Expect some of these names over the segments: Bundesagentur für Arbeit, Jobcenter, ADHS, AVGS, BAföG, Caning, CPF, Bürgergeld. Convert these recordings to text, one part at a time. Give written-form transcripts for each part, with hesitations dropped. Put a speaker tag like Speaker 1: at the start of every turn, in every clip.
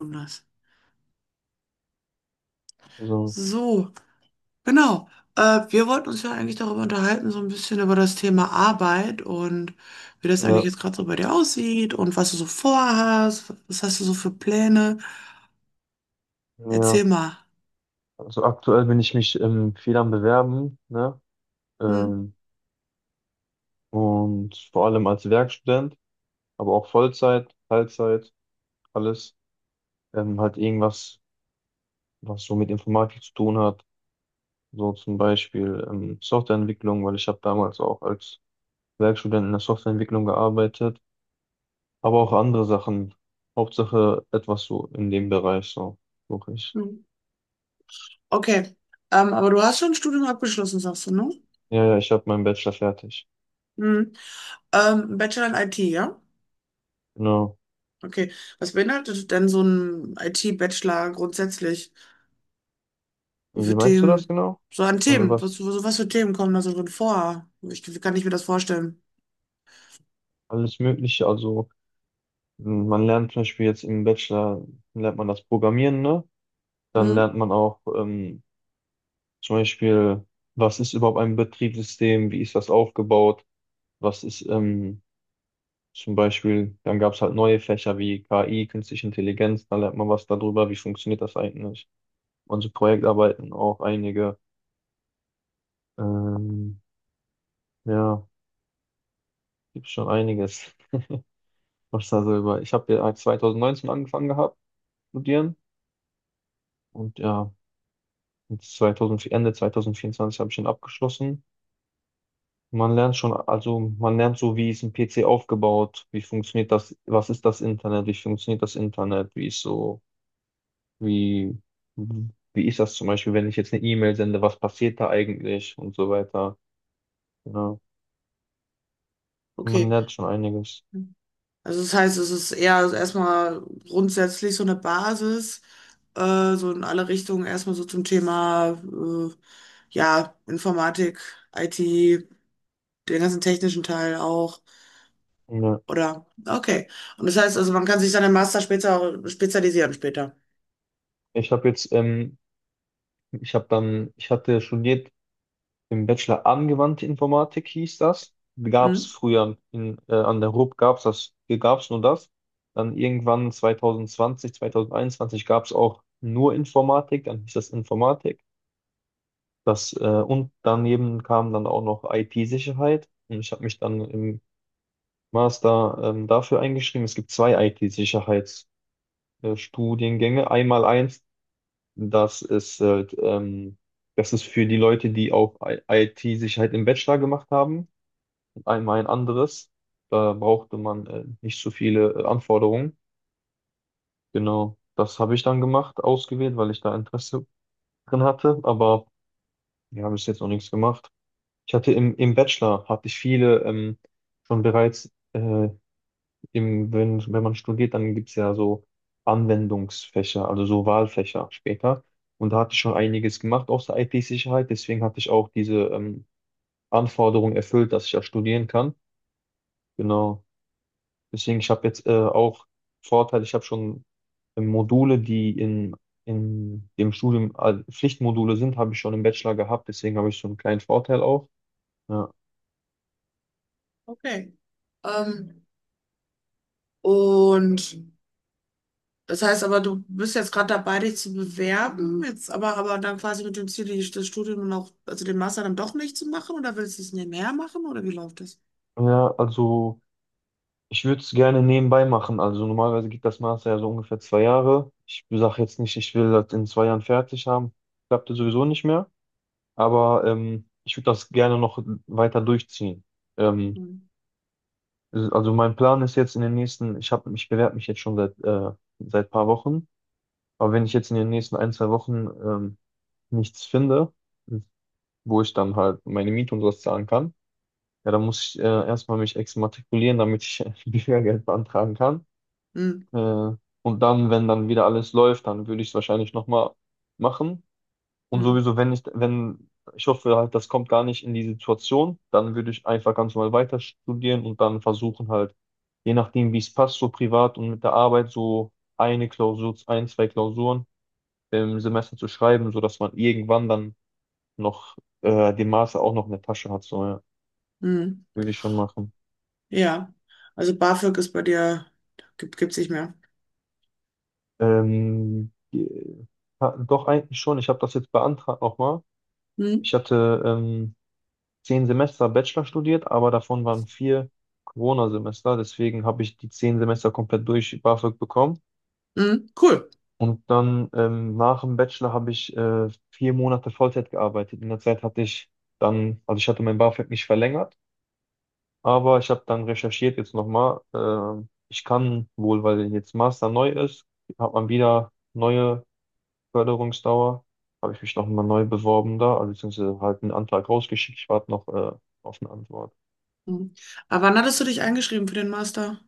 Speaker 1: Anders.
Speaker 2: Also,
Speaker 1: So, genau. Wir wollten uns ja eigentlich darüber unterhalten, so ein bisschen über das Thema Arbeit und wie das eigentlich
Speaker 2: ja,
Speaker 1: jetzt gerade so bei dir aussieht und was du so vorhast, was hast du so für Pläne. Erzähl
Speaker 2: ja.
Speaker 1: mal.
Speaker 2: Also aktuell bin ich mich viel am Bewerben, ne?
Speaker 1: Hm.
Speaker 2: Ähm, und vor allem als Werkstudent, aber auch Vollzeit, Teilzeit, alles. Halt irgendwas, was so mit Informatik zu tun hat. So zum Beispiel Softwareentwicklung, weil ich habe damals auch als Werkstudent in der Softwareentwicklung gearbeitet, aber auch andere Sachen. Hauptsache etwas so in dem Bereich, so suche ich.
Speaker 1: Hm. Okay. Aber du hast schon ein Studium abgeschlossen, sagst du, ne?
Speaker 2: Ja, ja, ich habe meinen Bachelor fertig.
Speaker 1: Hm. Bachelor in IT, ja?
Speaker 2: Genau.
Speaker 1: Okay. Was beinhaltet denn so ein IT-Bachelor grundsätzlich? So
Speaker 2: Und wie
Speaker 1: für
Speaker 2: meinst du das
Speaker 1: Themen,
Speaker 2: genau?
Speaker 1: so an
Speaker 2: Also
Speaker 1: Themen.
Speaker 2: was?
Speaker 1: Was für Themen kommen da so drin vor? Wie kann ich mir das vorstellen?
Speaker 2: Alles Mögliche, also man lernt zum Beispiel jetzt im Bachelor, lernt man das Programmieren, ne? Dann
Speaker 1: Hm,
Speaker 2: lernt man auch zum Beispiel, was ist überhaupt ein Betriebssystem, wie ist das aufgebaut, was ist zum Beispiel, dann gab es halt neue Fächer wie KI, künstliche Intelligenz, dann lernt man was darüber, wie funktioniert das eigentlich. Und so Projektarbeiten auch einige, ähm, ja, gibt schon einiges, was da so über. Ich habe ja 2019 angefangen gehabt, studieren und ja. Und 2000, Ende 2024 habe ich ihn abgeschlossen. Man lernt schon, also man lernt so, wie ist ein PC aufgebaut, wie funktioniert das, was ist das Internet, wie funktioniert das Internet, wie ist so, wie, wie ist das zum Beispiel, wenn ich jetzt eine E-Mail sende, was passiert da eigentlich und so weiter. Ja, man
Speaker 1: okay.
Speaker 2: lernt schon einiges.
Speaker 1: Also das heißt, es ist eher so erstmal grundsätzlich so eine Basis, so in alle Richtungen erstmal so zum Thema ja, Informatik, IT, den ganzen technischen Teil auch.
Speaker 2: Ja.
Speaker 1: Oder okay. Und das heißt also, man kann sich dann im Master später spezialisieren später.
Speaker 2: Ich habe jetzt, ich habe dann, ich hatte studiert im Bachelor Angewandte Informatik hieß das. Gab es
Speaker 1: Hm?
Speaker 2: früher an der RUB gab es das, hier gab es nur das. Dann irgendwann 2020, 2021 gab es auch nur Informatik, dann hieß das Informatik. Und daneben kam dann auch noch IT-Sicherheit. Und ich habe mich dann im Master, dafür eingeschrieben. Es gibt zwei IT-Sicherheitsstudiengänge. Einmal eins, das ist, äh, ähm, das ist für die Leute, die auch IT-Sicherheit im Bachelor gemacht haben. Einmal ein anderes. Da brauchte man nicht so viele Anforderungen. Genau, das habe ich dann gemacht, ausgewählt, weil ich da Interesse drin hatte, aber wir haben bis jetzt noch nichts gemacht. Ich hatte im Bachelor, hatte ich viele schon bereits, wenn man studiert, dann gibt es ja so Anwendungsfächer, also so Wahlfächer später. Und da hatte ich schon einiges gemacht aus der IT-Sicherheit, deswegen hatte ich auch diese Anforderung erfüllt, dass ich ja studieren kann. Genau. Deswegen, ich habe jetzt auch Vorteil, ich habe schon Module, die in dem Studium Pflichtmodule sind, habe ich schon im Bachelor gehabt. Deswegen habe ich so einen kleinen Vorteil auch. Ja,
Speaker 1: Okay. Ähm, und Das heißt aber, du bist jetzt gerade dabei, dich zu bewerben, jetzt aber dann quasi mit dem Ziel, das Studium noch, also den Master dann doch nicht zu machen, oder willst du es nebenher machen oder wie läuft das?
Speaker 2: ja, also ich würde es gerne nebenbei machen. Also normalerweise geht das Master ja so ungefähr 2 Jahre. Ich sage jetzt nicht, ich will das in 2 Jahren fertig haben. Klappte sowieso nicht mehr. Aber ich würde das gerne noch weiter durchziehen. Ähm,
Speaker 1: Hm.
Speaker 2: also mein Plan ist jetzt in den nächsten, ich bewerbe mich jetzt schon seit paar Wochen. Aber wenn ich jetzt in den nächsten ein, zwei Wochen nichts finde, wo ich dann halt meine Miete und sowas zahlen kann, ja, dann muss ich erstmal mich exmatrikulieren, damit ich Bürgergeld beantragen kann.
Speaker 1: Hm.
Speaker 2: Äh, und dann, wenn dann wieder alles läuft, dann würde ich es wahrscheinlich nochmal machen. Und
Speaker 1: Hm.
Speaker 2: sowieso, wenn ich, wenn, ich hoffe halt, das kommt gar nicht in die Situation, dann würde ich einfach ganz normal weiter studieren und dann versuchen halt, je nachdem, wie es passt, so privat und mit der Arbeit, so eine Klausur, ein, zwei Klausuren im Semester zu schreiben, sodass man irgendwann dann noch den Master auch noch in der Tasche hat. So, ja,
Speaker 1: Hm.
Speaker 2: würde ich schon machen.
Speaker 1: Ja, also BAföG ist bei dir, gibt's nicht mehr.
Speaker 2: Ähm, die- doch eigentlich schon. Ich habe das jetzt beantragt nochmal.
Speaker 1: Hm.
Speaker 2: Ich hatte 10 Semester Bachelor studiert, aber davon waren 4 Corona-Semester. Deswegen habe ich die 10 Semester komplett durch BAföG bekommen.
Speaker 1: Hm. Cool.
Speaker 2: Und dann nach dem Bachelor habe ich 4 Monate Vollzeit gearbeitet. In der Zeit hatte ich dann, also ich hatte mein BAföG nicht verlängert. Aber ich habe dann recherchiert jetzt nochmal. Ich kann wohl, weil jetzt Master neu ist, hat man wieder neue Förderungsdauer. Habe ich mich nochmal neu beworben da, also beziehungsweise halt einen Antrag rausgeschickt. Ich warte noch auf eine Antwort.
Speaker 1: Hm. Aber wann hattest du dich eingeschrieben für den Master?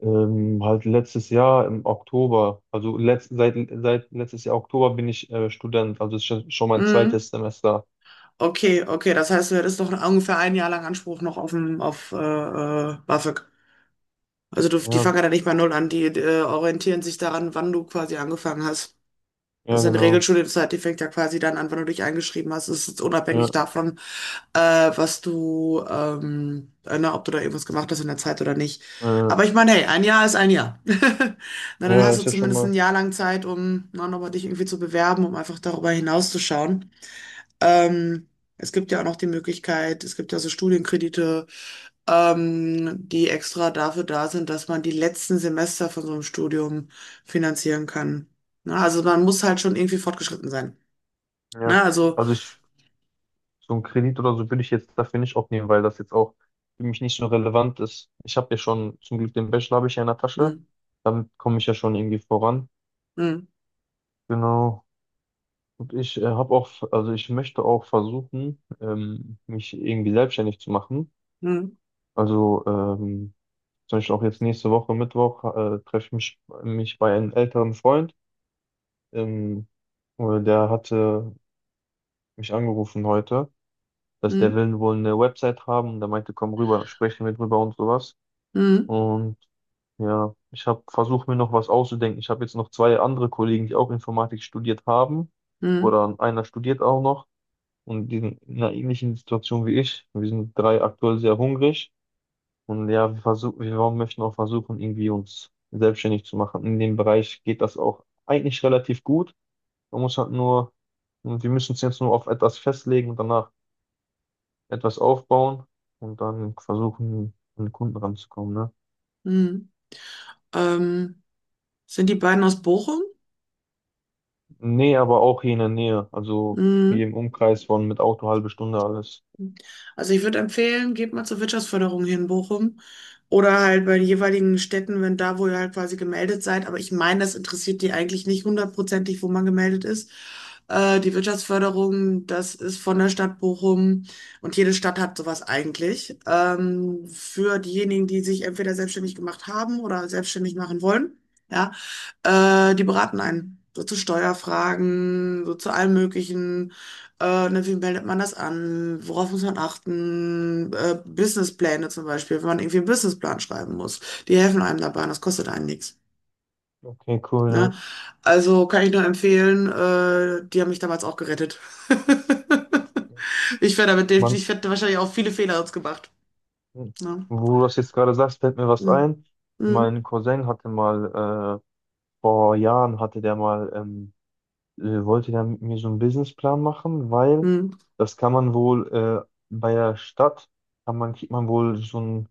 Speaker 2: Halt letztes Jahr im Oktober, also seit letztes Jahr Oktober bin ich Student, also ist schon mein
Speaker 1: Hm.
Speaker 2: zweites Semester.
Speaker 1: Okay, okay, das heißt, du hättest noch ungefähr ein Jahr lang Anspruch noch auf, auf BAföG. Also du, die
Speaker 2: Ja,
Speaker 1: fangen ja nicht bei null an, die orientieren sich daran, wann du quasi angefangen hast.
Speaker 2: ja,
Speaker 1: Also eine
Speaker 2: genau.
Speaker 1: Regelschule, die fängt ja quasi dann an, wann du dich eingeschrieben hast. Es ist unabhängig
Speaker 2: Ja,
Speaker 1: davon, äh, na, ob du da irgendwas gemacht hast in der Zeit oder nicht.
Speaker 2: äh,
Speaker 1: Aber ich meine, hey, ein Jahr ist ein Jahr. Na, dann
Speaker 2: ja,
Speaker 1: hast du
Speaker 2: ist ja schon
Speaker 1: zumindest ein
Speaker 2: mal.
Speaker 1: Jahr lang Zeit, um na, nochmal dich irgendwie zu bewerben, um einfach darüber hinauszuschauen. Ähm, Es gibt ja auch noch die Möglichkeit, es gibt ja so Studienkredite, die extra dafür da sind, dass man die letzten Semester von so einem Studium finanzieren kann. Ne? Also man muss halt schon irgendwie fortgeschritten sein.
Speaker 2: Ja,
Speaker 1: Ne? Also.
Speaker 2: also ich So einen Kredit oder so würde ich jetzt dafür nicht aufnehmen, weil das jetzt auch für mich nicht so relevant ist. Ich habe ja schon, zum Glück den Bachelor habe ich ja in der Tasche.
Speaker 1: Hm.
Speaker 2: Damit komme ich ja schon irgendwie voran.
Speaker 1: Hm.
Speaker 2: Genau. Und ich habe auch, also ich möchte auch versuchen, mich irgendwie selbstständig zu machen.
Speaker 1: Hm.
Speaker 2: Also zum Beispiel auch jetzt nächste Woche Mittwoch treffe ich mich bei einem älteren Freund. Ähm, der hatte mich angerufen heute, dass der
Speaker 1: Hm.
Speaker 2: will wohl eine Website haben und der meinte, komm rüber, sprechen wir drüber und sowas.
Speaker 1: Hm.
Speaker 2: Und ja, ich habe versucht, mir noch was auszudenken. Ich habe jetzt noch zwei andere Kollegen, die auch Informatik studiert haben.
Speaker 1: Hm.
Speaker 2: Oder einer studiert auch noch. Und die sind in einer ähnlichen Situation wie ich. Wir sind drei aktuell sehr hungrig. Und ja, wir möchten auch versuchen, irgendwie uns selbstständig zu machen. In dem Bereich geht das auch eigentlich relativ gut. Man muss halt nur, und wir müssen uns jetzt nur auf etwas festlegen und danach etwas aufbauen und dann versuchen, an den Kunden ranzukommen, ne?
Speaker 1: Hm. Hm. Ähm, Sind die beiden aus Bochum?
Speaker 2: Nee, aber auch hier in der Nähe. Also
Speaker 1: Hm.
Speaker 2: hier im Umkreis von mit Auto halbe Stunde alles.
Speaker 1: Also ich würde empfehlen, geht mal zur Wirtschaftsförderung hier in Bochum oder halt bei den jeweiligen Städten, wenn da, wo ihr halt quasi gemeldet seid. Aber ich meine, das interessiert die eigentlich nicht hundertprozentig, wo man gemeldet ist. Die Wirtschaftsförderung, das ist von der Stadt Bochum, und jede Stadt hat sowas eigentlich. Für diejenigen, die sich entweder selbstständig gemacht haben oder selbstständig machen wollen. Ja, die beraten einen. So zu Steuerfragen, so zu allem Möglichen. Ne, wie meldet man das an? Worauf muss man achten? Businesspläne zum Beispiel, wenn man irgendwie einen Businessplan schreiben muss. Die helfen einem dabei und das kostet einen nichts.
Speaker 2: Okay, cool.
Speaker 1: Ne?
Speaker 2: Ja.
Speaker 1: Also kann ich nur empfehlen, die haben mich damals auch gerettet.
Speaker 2: Man,
Speaker 1: Ich hätte wahrscheinlich auch viele Fehler jetzt gemacht. Ne?
Speaker 2: wo du das jetzt gerade sagst, fällt mir was
Speaker 1: Mm.
Speaker 2: ein.
Speaker 1: Mm.
Speaker 2: Mein Cousin hatte mal, vor Jahren hatte der mal, wollte der mit mir so einen Businessplan machen, weil
Speaker 1: Mm.
Speaker 2: das kann man wohl, bei der Stadt, kriegt man wohl so ein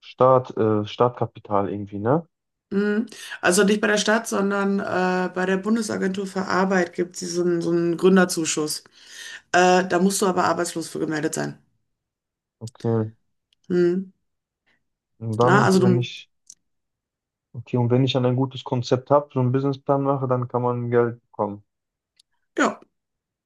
Speaker 2: Startkapital irgendwie, ne?
Speaker 1: Mm. Also nicht bei der Stadt, sondern bei der Bundesagentur für Arbeit gibt es so einen Gründerzuschuss. Da musst du aber arbeitslos für gemeldet sein.
Speaker 2: Okay.
Speaker 1: Mm.
Speaker 2: Und
Speaker 1: Ja,
Speaker 2: dann,
Speaker 1: also
Speaker 2: wenn
Speaker 1: du,
Speaker 2: ich Okay, und wenn ich dann ein gutes Konzept habe, so einen Businessplan mache, dann kann man Geld bekommen.
Speaker 1: ja.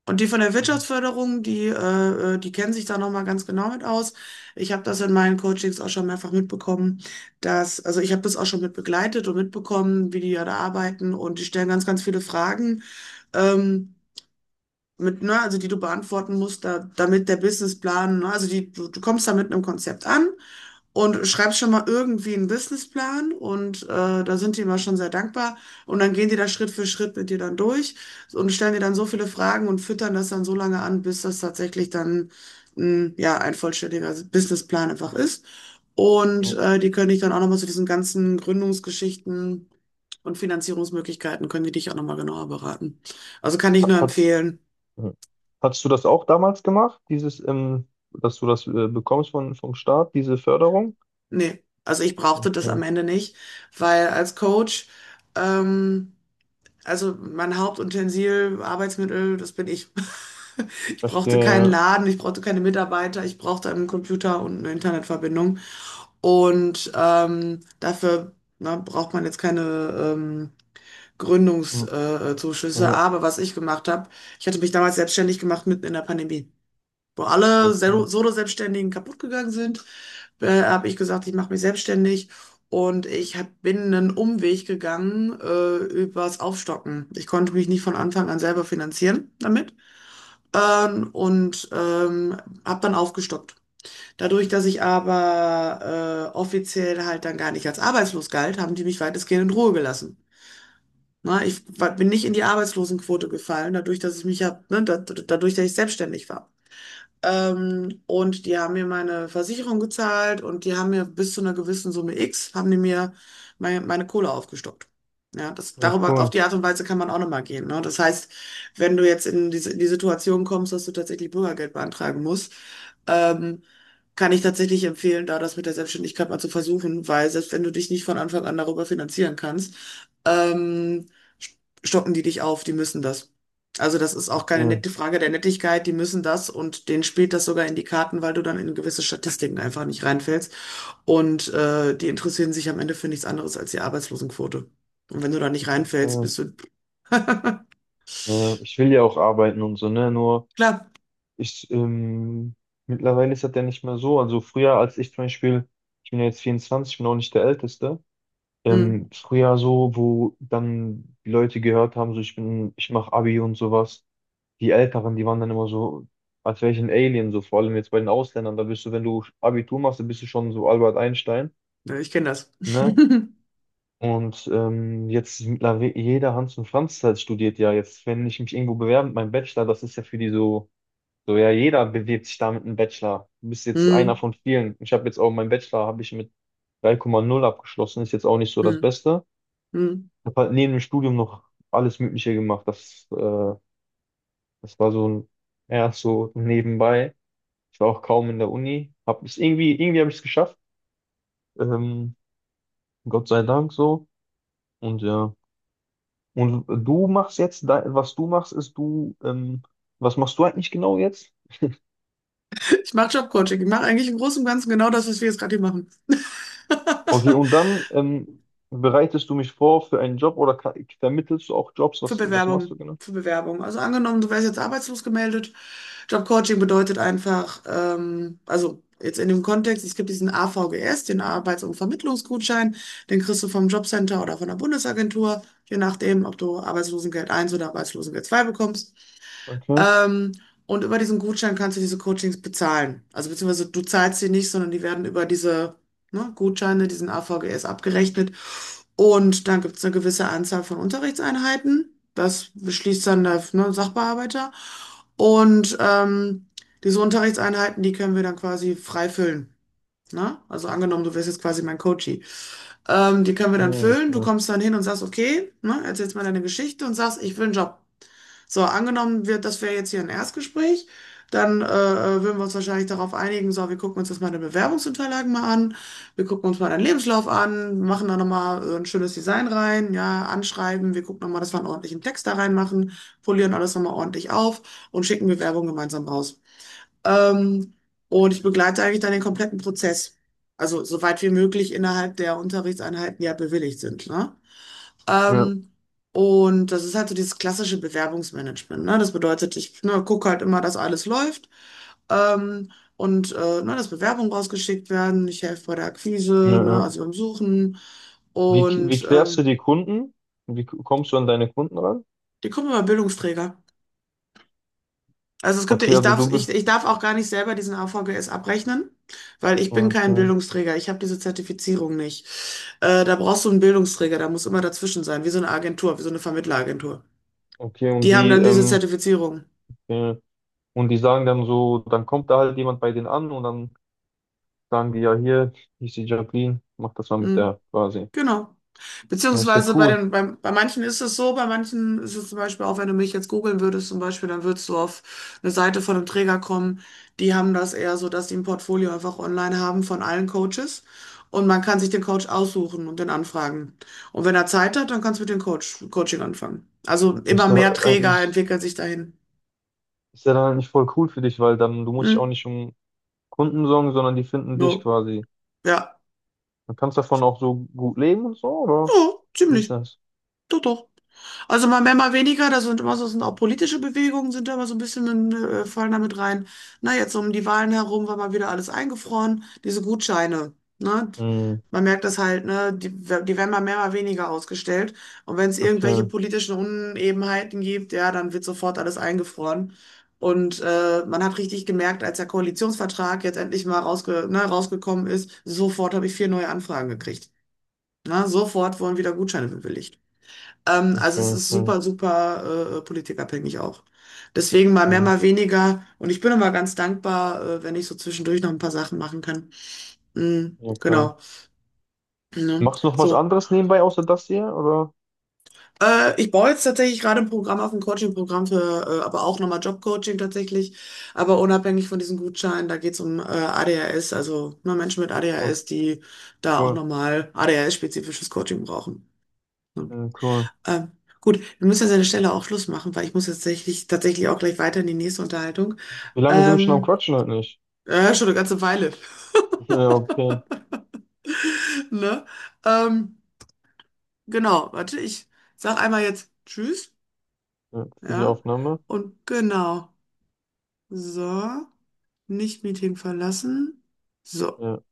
Speaker 1: Und die von der
Speaker 2: Mhm.
Speaker 1: Wirtschaftsförderung, die kennen sich da nochmal ganz genau mit aus. Ich habe das in meinen Coachings auch schon mehrfach mitbekommen, dass, also ich habe das auch schon mit begleitet und mitbekommen, wie die ja da arbeiten, und die stellen ganz, ganz viele Fragen, ähm, ne, also die du beantworten musst, da, damit der Businessplan, ne, also du kommst da mit einem Konzept an und schreibst schon mal irgendwie einen Businessplan, und da sind die immer schon sehr dankbar, und dann gehen die da Schritt für Schritt mit dir dann durch und stellen dir dann so viele Fragen und füttern das dann so lange an, bis das tatsächlich dann ja ein vollständiger Businessplan einfach ist. Und
Speaker 2: Mhm.
Speaker 1: die können dich dann auch nochmal zu diesen ganzen Gründungsgeschichten und Finanzierungsmöglichkeiten, können die dich auch nochmal genauer beraten. Also kann ich nur
Speaker 2: Hat's,
Speaker 1: empfehlen,
Speaker 2: mhm. Hattest du das auch damals gemacht, dieses, dass du das bekommst vom Staat, diese Förderung?
Speaker 1: nee, also ich brauchte das am
Speaker 2: Okay,
Speaker 1: Ende nicht, weil als Coach, ähm, Also mein Hauptutensil, Arbeitsmittel, das bin ich. Ich brauchte keinen
Speaker 2: verstehe.
Speaker 1: Laden, ich brauchte keine Mitarbeiter, ich brauchte einen Computer und eine Internetverbindung. Und dafür na, braucht man jetzt keine ähm,
Speaker 2: Mhm.
Speaker 1: Gründungszuschüsse. Zuschüsse.
Speaker 2: Ja,
Speaker 1: Aber was ich gemacht habe, ich hatte mich damals selbstständig gemacht mitten in der Pandemie, wo alle
Speaker 2: okay.
Speaker 1: Solo-Selbstständigen kaputt gegangen sind. Habe ich gesagt, ich mache mich selbstständig, und bin einen Umweg gegangen übers Aufstocken. Ich konnte mich nicht von Anfang an selber finanzieren damit, ähm, und ähm, habe dann aufgestockt. Dadurch, dass ich aber offiziell halt dann gar nicht als arbeitslos galt, haben die mich weitestgehend in Ruhe gelassen. Na, bin nicht in die Arbeitslosenquote gefallen, dadurch, dass ich selbstständig war. Und die haben mir meine Versicherung gezahlt, und die haben mir bis zu einer gewissen Summe X, haben die mir meine Kohle aufgestockt. Ja,
Speaker 2: Ja,
Speaker 1: darüber, auf
Speaker 2: cool.
Speaker 1: die Art und Weise kann man auch nochmal gehen. Ne? Das heißt, wenn du jetzt in die Situation kommst, dass du tatsächlich Bürgergeld beantragen musst, ähm, kann ich tatsächlich empfehlen, da das mit der Selbstständigkeit mal zu versuchen, weil selbst wenn du dich nicht von Anfang an darüber finanzieren kannst, ähm, stocken die dich auf, die müssen das. Also das ist auch keine
Speaker 2: Okay,
Speaker 1: nette Frage der Nettigkeit, die müssen das, und denen spielt das sogar in die Karten, weil du dann in gewisse Statistiken einfach nicht reinfällst. Und die interessieren sich am Ende für nichts anderes als die Arbeitslosenquote. Und wenn du da nicht reinfällst,
Speaker 2: verstehe.
Speaker 1: bist du,
Speaker 2: Ja, ich will ja auch arbeiten und so, ne?
Speaker 1: klar,
Speaker 2: Ich, ähm, mittlerweile ist das ja nicht mehr so. Also früher, als ich zum Beispiel, ich bin ja jetzt 24, ich bin auch nicht der Älteste.
Speaker 1: hm,
Speaker 2: Früher so, wo dann die Leute gehört haben, so ich mache Abi und sowas. Die Älteren, die waren dann immer so, als wäre ich ein Alien, so vor allem jetzt bei den Ausländern, da bist du, wenn du Abitur machst, dann bist du schon so Albert Einstein,
Speaker 1: ja, ich kenne das.
Speaker 2: ne? Und jetzt mittlerweile jeder Hans und Franz halt studiert ja jetzt, wenn ich mich irgendwo bewerbe mit meinem Bachelor, das ist ja für die so, so ja, jeder bewirbt sich da mit einem Bachelor. Du bist jetzt einer
Speaker 1: Hm.
Speaker 2: von vielen. Ich habe jetzt auch meinen Bachelor, habe ich mit 3,0 abgeschlossen, ist jetzt auch nicht so das
Speaker 1: Hm.
Speaker 2: Beste.
Speaker 1: Hm.
Speaker 2: Habe halt neben dem Studium noch alles Mögliche gemacht. Das war so ein, ja, so nebenbei. Ich war auch kaum in der Uni. Irgendwie habe ich es geschafft. Ähm, Gott sei Dank so. Und ja. Und du machst jetzt. Da- was du machst, ist du, Was machst du eigentlich genau jetzt?
Speaker 1: Ich mache Jobcoaching, ich mache eigentlich im Großen und Ganzen genau das, was wir jetzt gerade hier machen.
Speaker 2: Okay, und dann bereitest du mich vor für einen Job oder vermittelst du auch Jobs?
Speaker 1: Für
Speaker 2: Was machst
Speaker 1: Bewerbung,
Speaker 2: du genau?
Speaker 1: für Bewerbung. Also angenommen, du wärst jetzt arbeitslos gemeldet. Jobcoaching bedeutet einfach, also jetzt in dem Kontext, es gibt diesen AVGS, den Arbeits- und Vermittlungsgutschein, den kriegst du vom Jobcenter oder von der Bundesagentur, je nachdem, ob du Arbeitslosengeld eins oder Arbeitslosengeld 2 bekommst.
Speaker 2: Okay.
Speaker 1: Ähm, und über diesen Gutschein kannst du diese Coachings bezahlen. Also beziehungsweise du zahlst sie nicht, sondern die werden über diese, ne, Gutscheine, diesen AVGS abgerechnet. Und dann gibt es eine gewisse Anzahl von Unterrichtseinheiten. Das beschließt dann der, ne, Sachbearbeiter. Und diese Unterrichtseinheiten, die können wir dann quasi frei füllen. Ne? Also angenommen, du wirst jetzt quasi mein Coach. Die können wir
Speaker 2: Ja,
Speaker 1: dann füllen. Du
Speaker 2: okay.
Speaker 1: kommst dann hin und sagst, okay, ne, erzählst mal deine Geschichte und sagst, ich will einen Job. So, angenommen wird, das wäre jetzt hier ein Erstgespräch, dann würden wir uns wahrscheinlich darauf einigen, so, wir gucken uns jetzt mal deine Bewerbungsunterlagen mal an, wir gucken uns mal deinen Lebenslauf an, machen da nochmal ein schönes Design rein, ja, anschreiben, wir gucken nochmal, dass wir einen ordentlichen Text da reinmachen, polieren alles nochmal ordentlich auf und schicken Bewerbung gemeinsam raus. Ähm, und ich begleite eigentlich dann den kompletten Prozess. Also soweit wie möglich innerhalb der Unterrichtseinheiten, die ja bewilligt sind, ne?
Speaker 2: Ja,
Speaker 1: Ähm, und das ist halt so dieses klassische Bewerbungsmanagement, ne? Das bedeutet, ich, ne, gucke halt immer, dass alles läuft. Ähm, ne, dass Bewerbungen rausgeschickt werden. Ich helfe bei der Akquise,
Speaker 2: ja,
Speaker 1: ne,
Speaker 2: ja.
Speaker 1: also beim Suchen.
Speaker 2: Wie
Speaker 1: Und
Speaker 2: klärst du die Kunden? Kommst du an deine Kunden ran?
Speaker 1: die kommen immer Bildungsträger. Also es gibt ja,
Speaker 2: Okay,
Speaker 1: ich
Speaker 2: also
Speaker 1: darf,
Speaker 2: du
Speaker 1: ich,
Speaker 2: bist.
Speaker 1: ich darf auch gar nicht selber diesen AVGS abrechnen, weil ich bin kein
Speaker 2: Okay.
Speaker 1: Bildungsträger. Ich habe diese Zertifizierung nicht. Da brauchst du einen Bildungsträger, da muss immer dazwischen sein, wie so eine Agentur, wie so eine Vermittleragentur.
Speaker 2: Okay, und
Speaker 1: Die haben dann diese Zertifizierung.
Speaker 2: äh, und die sagen dann so, dann kommt da halt jemand bei denen an und dann sagen die ja hier, hier ist die Jacqueline, mach das mal mit
Speaker 1: Hm?
Speaker 2: der quasi.
Speaker 1: Genau.
Speaker 2: Ja, ist ja
Speaker 1: Beziehungsweise bei
Speaker 2: cool.
Speaker 1: den, bei manchen ist es so, bei manchen ist es zum Beispiel auch, wenn du mich jetzt googeln würdest, zum Beispiel, dann würdest du auf eine Seite von einem Träger kommen. Die haben das eher so, dass die ein Portfolio einfach online haben von allen Coaches. Und man kann sich den Coach aussuchen und den anfragen. Und wenn er Zeit hat, dann kannst du mit dem Coach, Coaching anfangen. Also immer
Speaker 2: Ist ja
Speaker 1: mehr Träger
Speaker 2: eigentlich,
Speaker 1: entwickeln sich dahin.
Speaker 2: ist ja dann eigentlich voll cool für dich, weil dann du musst dich auch
Speaker 1: Hm?
Speaker 2: nicht um Kunden sorgen, sondern die finden dich
Speaker 1: Jo.
Speaker 2: quasi.
Speaker 1: Ja.
Speaker 2: Du kannst davon auch so gut leben und so, oder?
Speaker 1: Ja,
Speaker 2: Wie ist
Speaker 1: ziemlich.
Speaker 2: das?
Speaker 1: Doch, doch. Also mal mehr, mal weniger, da sind immer so, sind auch politische Bewegungen sind da immer so ein bisschen, fallen damit rein. Na, jetzt um die Wahlen herum war mal wieder alles eingefroren, diese Gutscheine, ne?
Speaker 2: Hm,
Speaker 1: Man merkt das halt, ne? Die, die werden mal mehr, mal weniger ausgestellt. Und wenn es irgendwelche
Speaker 2: okay,
Speaker 1: politischen Unebenheiten gibt, ja, dann wird sofort alles eingefroren. Und man hat richtig gemerkt, als der Koalitionsvertrag jetzt endlich mal rausgekommen ist, sofort habe ich vier neue Anfragen gekriegt. Na, sofort wurden wieder Gutscheine bewilligt. Also
Speaker 2: okay,
Speaker 1: es ist
Speaker 2: okay.
Speaker 1: super, super politikabhängig auch. Deswegen mal mehr,
Speaker 2: Hm,
Speaker 1: mal weniger. Und ich bin immer ganz dankbar, wenn ich so zwischendurch noch ein paar Sachen machen kann. Mm,
Speaker 2: ja, klar.
Speaker 1: genau. Ne?
Speaker 2: Machst du noch was
Speaker 1: So.
Speaker 2: anderes nebenbei außer das hier? Oder?
Speaker 1: Ich baue jetzt tatsächlich gerade ein Programm auf, ein Coaching-Programm aber auch nochmal Job-Coaching tatsächlich. Aber unabhängig von diesen Gutscheinen, da geht es um ADHS, also ne, Menschen mit
Speaker 2: Was?
Speaker 1: ADHS, die da auch
Speaker 2: Cool.
Speaker 1: nochmal ADHS-spezifisches Coaching brauchen.
Speaker 2: Ja, cool.
Speaker 1: Ähm, gut, wir müssen jetzt an der Stelle auch Schluss machen, weil ich muss jetzt tatsächlich, tatsächlich auch gleich weiter in die nächste Unterhaltung.
Speaker 2: Wie lange sind wir schon am
Speaker 1: Ähm,
Speaker 2: Quatschen heute nicht?
Speaker 1: ja, schon eine ganze Weile.
Speaker 2: Ja, okay.
Speaker 1: Ne? Ähm, genau, warte, ich sag einmal jetzt Tschüss,
Speaker 2: Ja, für die
Speaker 1: ja.
Speaker 2: Aufnahme.
Speaker 1: Und genau. So, nicht Meeting verlassen. So.
Speaker 2: Ja.